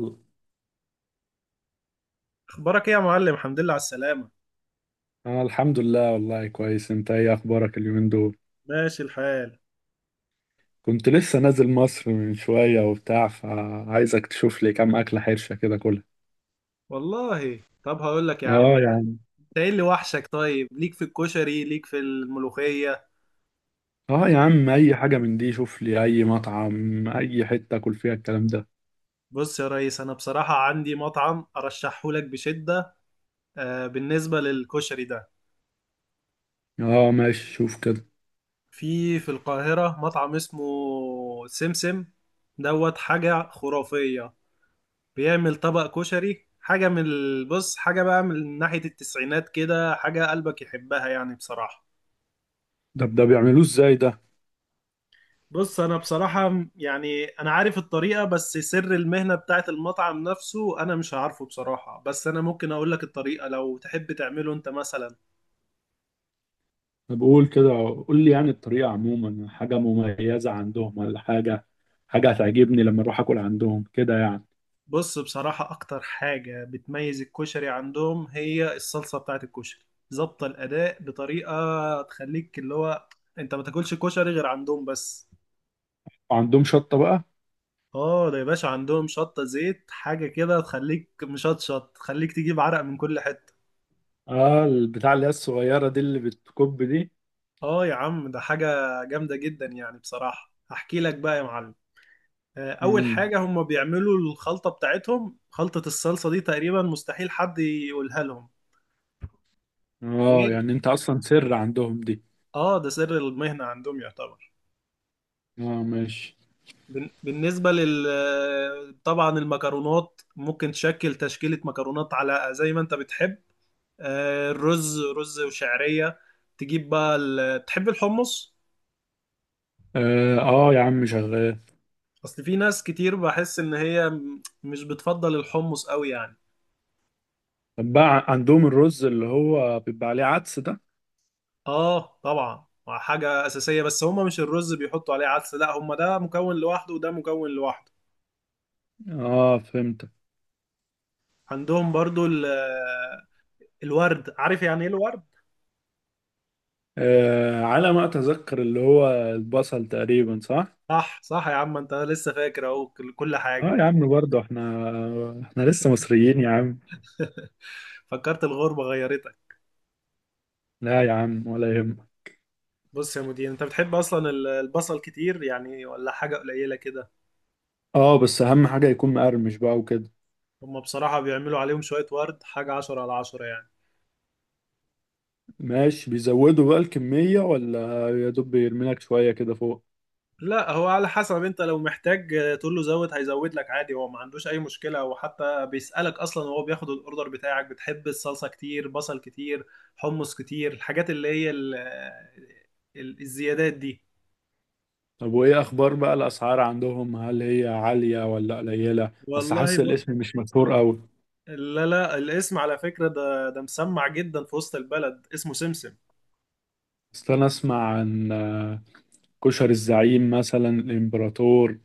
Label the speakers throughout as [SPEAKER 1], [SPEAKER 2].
[SPEAKER 1] أنا
[SPEAKER 2] اخبارك ايه يا معلم؟ الحمد لله على السلامه.
[SPEAKER 1] الحمد لله، والله كويس. أنت إيه أخبارك اليومين دول؟
[SPEAKER 2] ماشي الحال.
[SPEAKER 1] كنت لسه نازل مصر من شوية وبتاع، فعايزك تشوف لي كام أكلة حرشة كده كلها.
[SPEAKER 2] والله طب هقول لك يا عم.
[SPEAKER 1] آه يا عم.
[SPEAKER 2] انت ايه اللي وحشك؟ طيب، ليك في الكشري ليك في الملوخيه؟
[SPEAKER 1] آه يا عم، أي حاجة من دي. شوف لي أي مطعم، أي حتة أكل فيها الكلام ده.
[SPEAKER 2] بص يا ريس، انا بصراحه عندي مطعم ارشحه لك بشده. آه، بالنسبه للكشري ده،
[SPEAKER 1] آه ماشي، شوف كده.
[SPEAKER 2] في القاهره مطعم اسمه سمسم دوت. حاجه خرافيه. بيعمل طبق كشري حاجه من البص، حاجه بقى من ناحيه التسعينات كده، حاجه قلبك يحبها يعني بصراحه.
[SPEAKER 1] ده ده بيعملوه إزاي ده؟
[SPEAKER 2] بص، انا بصراحة يعني انا عارف الطريقة، بس سر المهنة بتاعت المطعم نفسه انا مش عارفه بصراحة، بس انا ممكن اقول لك الطريقة لو تحب تعمله انت مثلا.
[SPEAKER 1] أنا بقول كده، قول لي يعني الطريقة. عموما حاجة مميزة عندهم ولا حاجة؟ حاجة هتعجبني لما أروح أكل عندهم كده يعني؟
[SPEAKER 2] بص بصراحة، اكتر حاجة بتميز الكشري عندهم هي الصلصة بتاعت الكشري، ظابطة الاداء بطريقة تخليك اللي هو انت ما تاكلش كشري غير عندهم بس.
[SPEAKER 1] وعندهم شطة بقى؟
[SPEAKER 2] اه ده يا باشا عندهم شطة زيت، حاجة كده تخليك مشطشط، تخليك تجيب عرق من كل حتة.
[SPEAKER 1] آه، البتاع اللي هي الصغيرة دي، اللي بتكب دي.
[SPEAKER 2] اه يا عم، ده حاجة جامدة جدا، يعني بصراحة هحكي لك بقى يا معلم. اول
[SPEAKER 1] امم
[SPEAKER 2] حاجة هم بيعملوا الخلطة بتاعتهم. خلطة الصلصة دي تقريبا مستحيل حد يقولها لهم،
[SPEAKER 1] اه
[SPEAKER 2] غير.
[SPEAKER 1] يعني انت اصلا سر عندهم دي؟
[SPEAKER 2] اه ده سر المهنة عندهم يعتبر.
[SPEAKER 1] اه ماشي.
[SPEAKER 2] بالنسبة لل طبعا المكرونات ممكن تشكل تشكيلة مكرونات على زي ما انت بتحب. الرز، رز وشعرية. تجيب بقى تحب الحمص؟
[SPEAKER 1] اه، آه يا عم، شغال.
[SPEAKER 2] اصل في ناس كتير بحس ان هي مش بتفضل الحمص قوي يعني.
[SPEAKER 1] طب بقى، ع- عندهم الرز اللي هو بيبقى عليه عدس ده؟
[SPEAKER 2] اه طبعا، مع حاجة أساسية، بس هما مش الرز بيحطوا عليه عدس، لا، هما ده مكون لوحده وده مكون لوحده.
[SPEAKER 1] اه فهمت.
[SPEAKER 2] عندهم برضو الورد. عارف يعني ايه الورد؟
[SPEAKER 1] آه على ما اتذكر، اللي هو البصل تقريبا، صح؟
[SPEAKER 2] صح صح يا عم، انت لسه فاكر اهو كل كل
[SPEAKER 1] اه
[SPEAKER 2] حاجة.
[SPEAKER 1] يا عم، برضه احنا لسه مصريين يا عم.
[SPEAKER 2] فكرت الغربة غيرتك.
[SPEAKER 1] لا يا عم، ولا يهمك.
[SPEAKER 2] بص يا مدير، انت بتحب اصلا البصل كتير يعني ولا حاجة قليلة كده؟
[SPEAKER 1] اه بس اهم حاجة يكون مقرمش بقى وكده.
[SPEAKER 2] هما بصراحة بيعملوا عليهم شوية ورد، حاجة عشرة على عشرة يعني.
[SPEAKER 1] ماشي، بيزودوا بقى الكمية ولا يا دوب بيرمي لك شوية كده فوق؟
[SPEAKER 2] لا هو على حسب، انت لو محتاج تقول له زود هيزود لك عادي، هو ما عندوش اي مشكلة، وحتى بيسألك اصلا وهو بياخد الاوردر بتاعك: بتحب الصلصة كتير، بصل كتير، حمص كتير، الحاجات اللي هي الزيادات دي.
[SPEAKER 1] طب وايه اخبار بقى الاسعار عندهم؟ هل هي عالية ولا قليلة؟ بس
[SPEAKER 2] والله
[SPEAKER 1] حاسس
[SPEAKER 2] ب...
[SPEAKER 1] الاسم مش مشهور قوي.
[SPEAKER 2] لا لا، الاسم على فكرة، ده مسمع جدا في وسط البلد، اسمه سمسم.
[SPEAKER 1] بس انا اسمع عن كشري الزعيم مثلا، الامبراطور،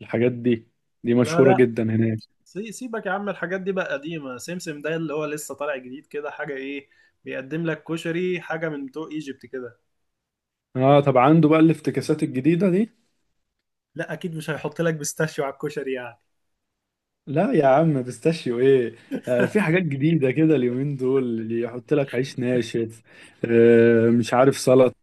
[SPEAKER 1] الحاجات دي، دي
[SPEAKER 2] لا
[SPEAKER 1] مشهورة
[SPEAKER 2] لا،
[SPEAKER 1] جدا هناك.
[SPEAKER 2] سيبك يا عم، الحاجات دي بقى قديمة. سمسم ده اللي هو لسه طالع جديد كده، حاجة ايه، بيقدم لك كشري حاجة من بتوع ايجيبت كده.
[SPEAKER 1] اه طب عنده بقى الافتكاسات الجديدة دي؟
[SPEAKER 2] لا اكيد مش هيحط لك بيستاشيو على الكشري يعني.
[SPEAKER 1] لا يا عم، بيستاشيو ايه؟ آه في حاجات جديدة كده اليومين دول اللي يحط لك عيش ناشف، آه مش عارف سلطة،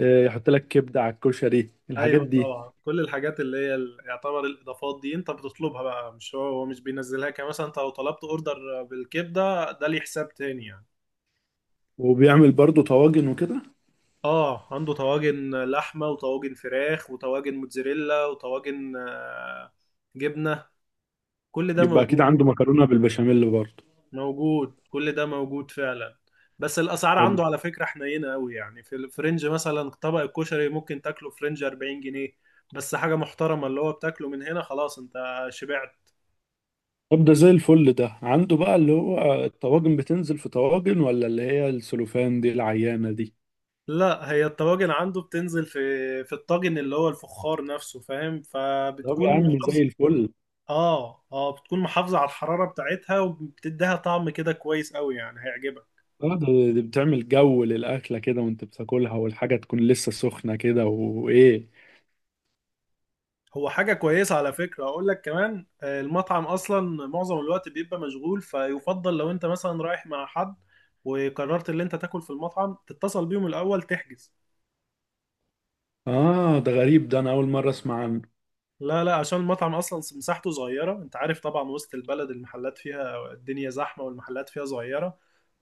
[SPEAKER 1] آه يحط لك كبدة على الكشري، الحاجات
[SPEAKER 2] ايوه
[SPEAKER 1] دي.
[SPEAKER 2] طبعا، كل الحاجات اللي هي يعتبر الاضافات دي انت بتطلبها بقى، مش هو مش بينزلها كده. مثلا انت لو طلبت اوردر بالكبده ده ليه حساب تاني يعني.
[SPEAKER 1] وبيعمل برضو طواجن وكده؟
[SPEAKER 2] اه، عنده طواجن لحمه، وطواجن فراخ، وطواجن موتزاريلا، وطواجن جبنه. كل ده
[SPEAKER 1] يبقى اكيد
[SPEAKER 2] موجود.
[SPEAKER 1] عنده مكرونه بالبشاميل برضه.
[SPEAKER 2] موجود، كل ده موجود فعلا. بس الاسعار
[SPEAKER 1] طب
[SPEAKER 2] عنده على فكره حنينه قوي يعني، في الفرنج مثلا طبق الكشري ممكن تاكله فرنج 40 جنيه، بس حاجه محترمه اللي هو بتاكله من هنا خلاص، انت شبعت.
[SPEAKER 1] ده زي الفل. ده عنده بقى اللي هو الطواجن بتنزل في طواجن ولا اللي هي السلوفان دي العيانه دي؟
[SPEAKER 2] لا هي الطواجن عنده بتنزل في الطاجن اللي هو الفخار نفسه، فاهم؟
[SPEAKER 1] طب يا
[SPEAKER 2] فبتكون
[SPEAKER 1] عم زي
[SPEAKER 2] محافظة.
[SPEAKER 1] الفل.
[SPEAKER 2] اه اه، بتكون محافظة على الحرارة بتاعتها، وبتديها طعم كده كويس قوي، يعني هيعجبك.
[SPEAKER 1] اه دي بتعمل جو للاكله كده وانت بتاكلها والحاجه تكون لسه سخنه كده وايه.
[SPEAKER 2] هو حاجة كويسة على فكرة، أقول لك كمان، المطعم أصلا معظم الوقت بيبقى مشغول، فيفضل لو أنت مثلا رايح مع حد وقررت اللي أنت تاكل في المطعم، تتصل بيهم الأول تحجز.
[SPEAKER 1] اه ده غريب، ده انا اول مره اسمع عنه.
[SPEAKER 2] لا لا، عشان المطعم اصلا مساحته صغيره، انت عارف طبعا وسط البلد المحلات فيها الدنيا زحمه والمحلات فيها صغيره،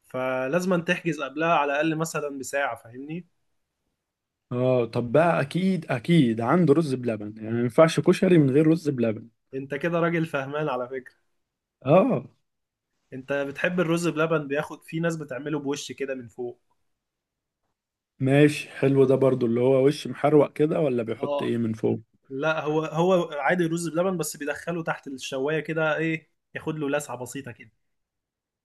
[SPEAKER 2] فلازم أن تحجز قبلها على الاقل مثلا بساعه، فاهمني؟
[SPEAKER 1] اه طب بقى، اكيد اكيد عنده رز بلبن يعني، ما ينفعش كشري من غير رز بلبن.
[SPEAKER 2] انت كده راجل فهمان على فكره.
[SPEAKER 1] اه
[SPEAKER 2] انت بتحب الرز بلبن؟ بياخد في ناس بتعمله بوش كده من فوق.
[SPEAKER 1] ماشي حلو، ده برضو اللي هو وش محروق كده ولا بيحط
[SPEAKER 2] اه.
[SPEAKER 1] ايه من فوق؟
[SPEAKER 2] لا هو عادي رز بلبن، بس بيدخله تحت الشوايه كده، ايه، ياخد له لسعه بسيطه كده.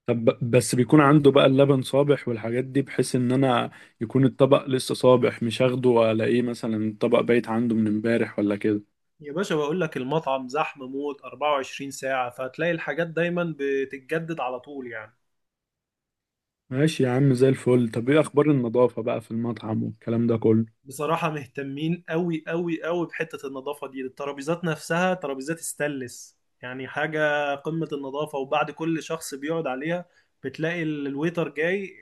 [SPEAKER 1] طب ب- بس بيكون عنده بقى اللبن صابح والحاجات دي، بحيث ان انا يكون الطبق لسه صابح، مش اخده والاقيه مثلا الطبق بايت عنده من امبارح ولا كده.
[SPEAKER 2] يا باشا بقول لك المطعم زحمه موت 24 ساعه، فهتلاقي الحاجات دايما بتتجدد على طول يعني.
[SPEAKER 1] ماشي يا عم زي الفل. طب ايه اخبار النظافة بقى في المطعم والكلام ده كله؟
[SPEAKER 2] بصراحة مهتمين قوي قوي قوي بحتة النظافة دي، الترابيزات نفسها ترابيزات استانلس يعني حاجة قمة النظافة، وبعد كل شخص بيقعد عليها بتلاقي الويتر جاي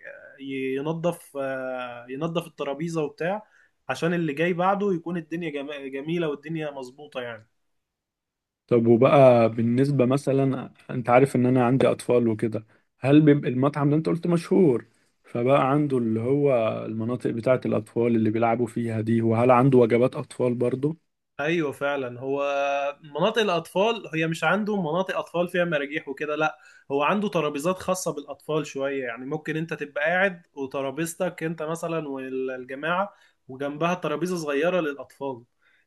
[SPEAKER 2] ينظف ينظف الترابيزة وبتاع، عشان اللي جاي بعده يكون الدنيا جميلة والدنيا مظبوطة يعني.
[SPEAKER 1] طب وبقى بالنسبة مثلا، انت عارف ان انا عندي اطفال وكده، هل بيبقى المطعم ده، انت قلت مشهور، فبقى عنده اللي هو المناطق بتاعة الاطفال اللي بيلعبوا فيها دي؟ وهل عنده وجبات اطفال برضو؟
[SPEAKER 2] ايوه فعلا، هو مناطق الاطفال هي مش عنده مناطق اطفال فيها مراجيح وكده، لا. هو عنده ترابيزات خاصه بالاطفال شويه، يعني ممكن انت تبقى قاعد وترابيزتك انت مثلا والجماعه، وجنبها ترابيزه صغيره للاطفال.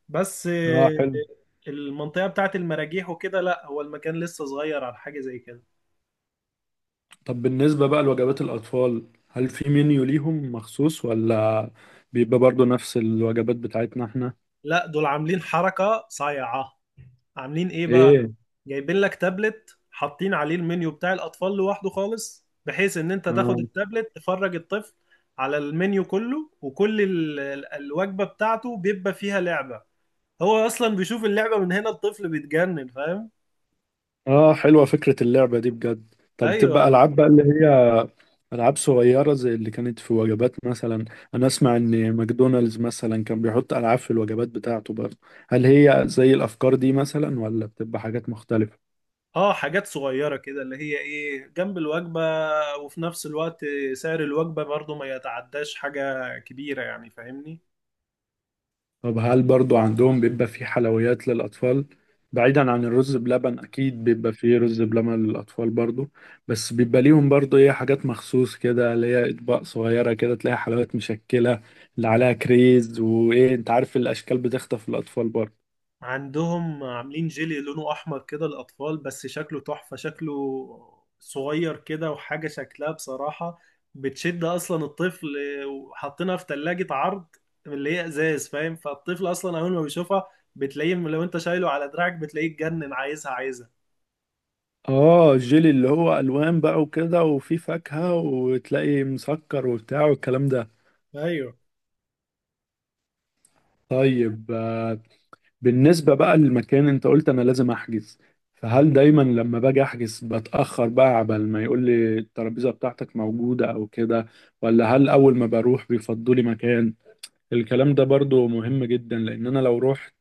[SPEAKER 2] بس
[SPEAKER 1] اه حلو.
[SPEAKER 2] المنطقه بتاعت المراجيح وكده لا، هو المكان لسه صغير على حاجه زي كده.
[SPEAKER 1] طب بالنسبة بقى لوجبات الأطفال، هل في منيو ليهم مخصوص ولا بيبقى برضو نفس الوجبات بتاعتنا احنا؟
[SPEAKER 2] لا دول عاملين حركه صايعه. عاملين ايه بقى؟
[SPEAKER 1] ايه؟
[SPEAKER 2] جايبين لك تابلت حاطين عليه المنيو بتاع الاطفال لوحده خالص، بحيث ان انت تاخد
[SPEAKER 1] آه.
[SPEAKER 2] التابلت تفرج الطفل على المنيو كله، وكل الوجبة بتاعته بيبقى فيها لعبة. هو اصلا بيشوف اللعبة من هنا الطفل بيتجنن، فاهم؟
[SPEAKER 1] اه حلوة فكرة اللعبة دي بجد. طب
[SPEAKER 2] ايوه
[SPEAKER 1] تبقى ألعاب بقى اللي هي ألعاب صغيرة زي اللي كانت في وجبات مثلا؟ أنا أسمع إن ماكدونالدز مثلا كان بيحط ألعاب في الوجبات بتاعته برضه. هل هي زي الأفكار دي مثلا ولا بتبقى حاجات مختلفة؟
[SPEAKER 2] اه، حاجات صغيرة كده اللي هي ايه، جنب الوجبة، وفي نفس الوقت سعر الوجبة برضه ما يتعداش حاجة كبيرة يعني، فاهمني؟
[SPEAKER 1] طب هل برضو عندهم بيبقى في حلويات للأطفال؟ بعيدا عن الرز بلبن، أكيد بيبقى فيه رز بلبن للأطفال برضو، بس بيبقى ليهم برضو إيه حاجات مخصوص كده اللي هي أطباق صغيرة كده، تلاقي حلويات مشكلة اللي عليها كريز وإيه، أنت عارف الأشكال بتخطف الأطفال برضو.
[SPEAKER 2] عندهم عاملين جيلي لونه احمر كده للاطفال، بس شكله تحفة، شكله صغير كده، وحاجة شكلها بصراحة بتشد اصلا الطفل، وحاطينها في ثلاجة عرض اللي هي ازاز، فاهم؟ فالطفل اصلا اول ما بيشوفها، بتلاقيه لو انت شايله على دراعك، بتلاقيه اتجنن، عايزها عايزها.
[SPEAKER 1] آه الجيلي اللي هو ألوان بقى وكده وفيه فاكهة وتلاقي مسكر وبتاع والكلام ده.
[SPEAKER 2] ايوه.
[SPEAKER 1] طيب بالنسبة بقى للمكان، انت قلت انا لازم احجز، فهل دايما لما باجي احجز بتأخر بقى عبال ما يقول لي الترابيزة بتاعتك موجودة او كده، ولا هل اول ما بروح بيفضوا لي مكان؟ الكلام ده برضو مهم جدا، لان انا لو رحت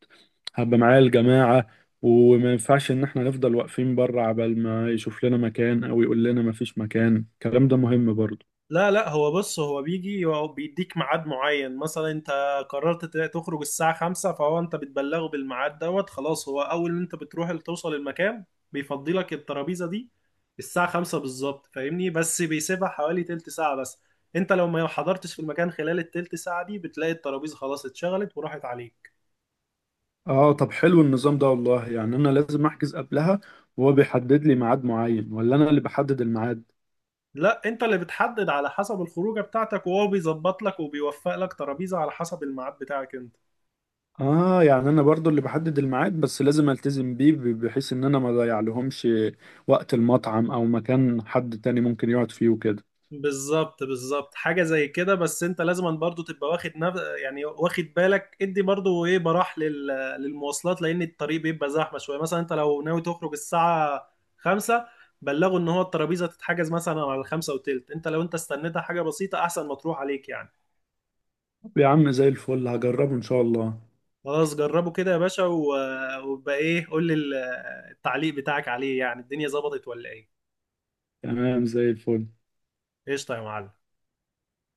[SPEAKER 1] هبقى معايا الجماعة، وما ينفعش ان احنا نفضل واقفين بره عبال ما يشوف لنا مكان او يقول لنا ما فيش مكان. الكلام ده مهم برضو.
[SPEAKER 2] لا لا، هو بص، هو بيجي، هو بيديك ميعاد معين، مثلا انت قررت تخرج الساعة خمسة، فهو انت بتبلغه بالميعاد دوت خلاص، هو اول ما انت بتروح توصل المكان بيفضي لك الترابيزة دي الساعة خمسة بالظبط، فاهمني؟ بس بيسيبها حوالي تلت ساعة بس، انت لو ما حضرتش في المكان خلال التلت ساعة دي بتلاقي الترابيزة خلاص اتشغلت وراحت عليك.
[SPEAKER 1] اه طب حلو النظام ده والله. يعني انا لازم احجز قبلها وهو بيحدد لي ميعاد معين، ولا انا اللي بحدد الميعاد؟
[SPEAKER 2] لا انت اللي بتحدد على حسب الخروجة بتاعتك، وهو بيظبط لك وبيوفق لك ترابيزة على حسب الميعاد بتاعك انت.
[SPEAKER 1] اه يعني انا برضو اللي بحدد الميعاد، بس لازم التزم بيه، ب- بحيث ان انا ما اضيع لهمش وقت المطعم او مكان حد تاني ممكن يقعد فيه وكده.
[SPEAKER 2] بالظبط بالظبط، حاجة زي كده، بس انت لازم برضو تبقى واخد يعني واخد بالك ادي برضو ايه براح للمواصلات، لان الطريق بيبقى زحمة شوية، مثلا انت لو ناوي تخرج الساعة خمسة، بلغه ان هو الترابيزة تتحجز مثلا على الخمسة وتلت، انت لو استنيتها حاجة بسيطة احسن ما تروح عليك يعني.
[SPEAKER 1] طب يا عم زي الفل، هجربه ان شاء الله.
[SPEAKER 2] خلاص جربه كده يا باشا وبقى ايه، قول لي التعليق بتاعك عليه، يعني الدنيا ظبطت ولا ايه؟
[SPEAKER 1] تمام زي الفل.
[SPEAKER 2] قشطة يا معلم.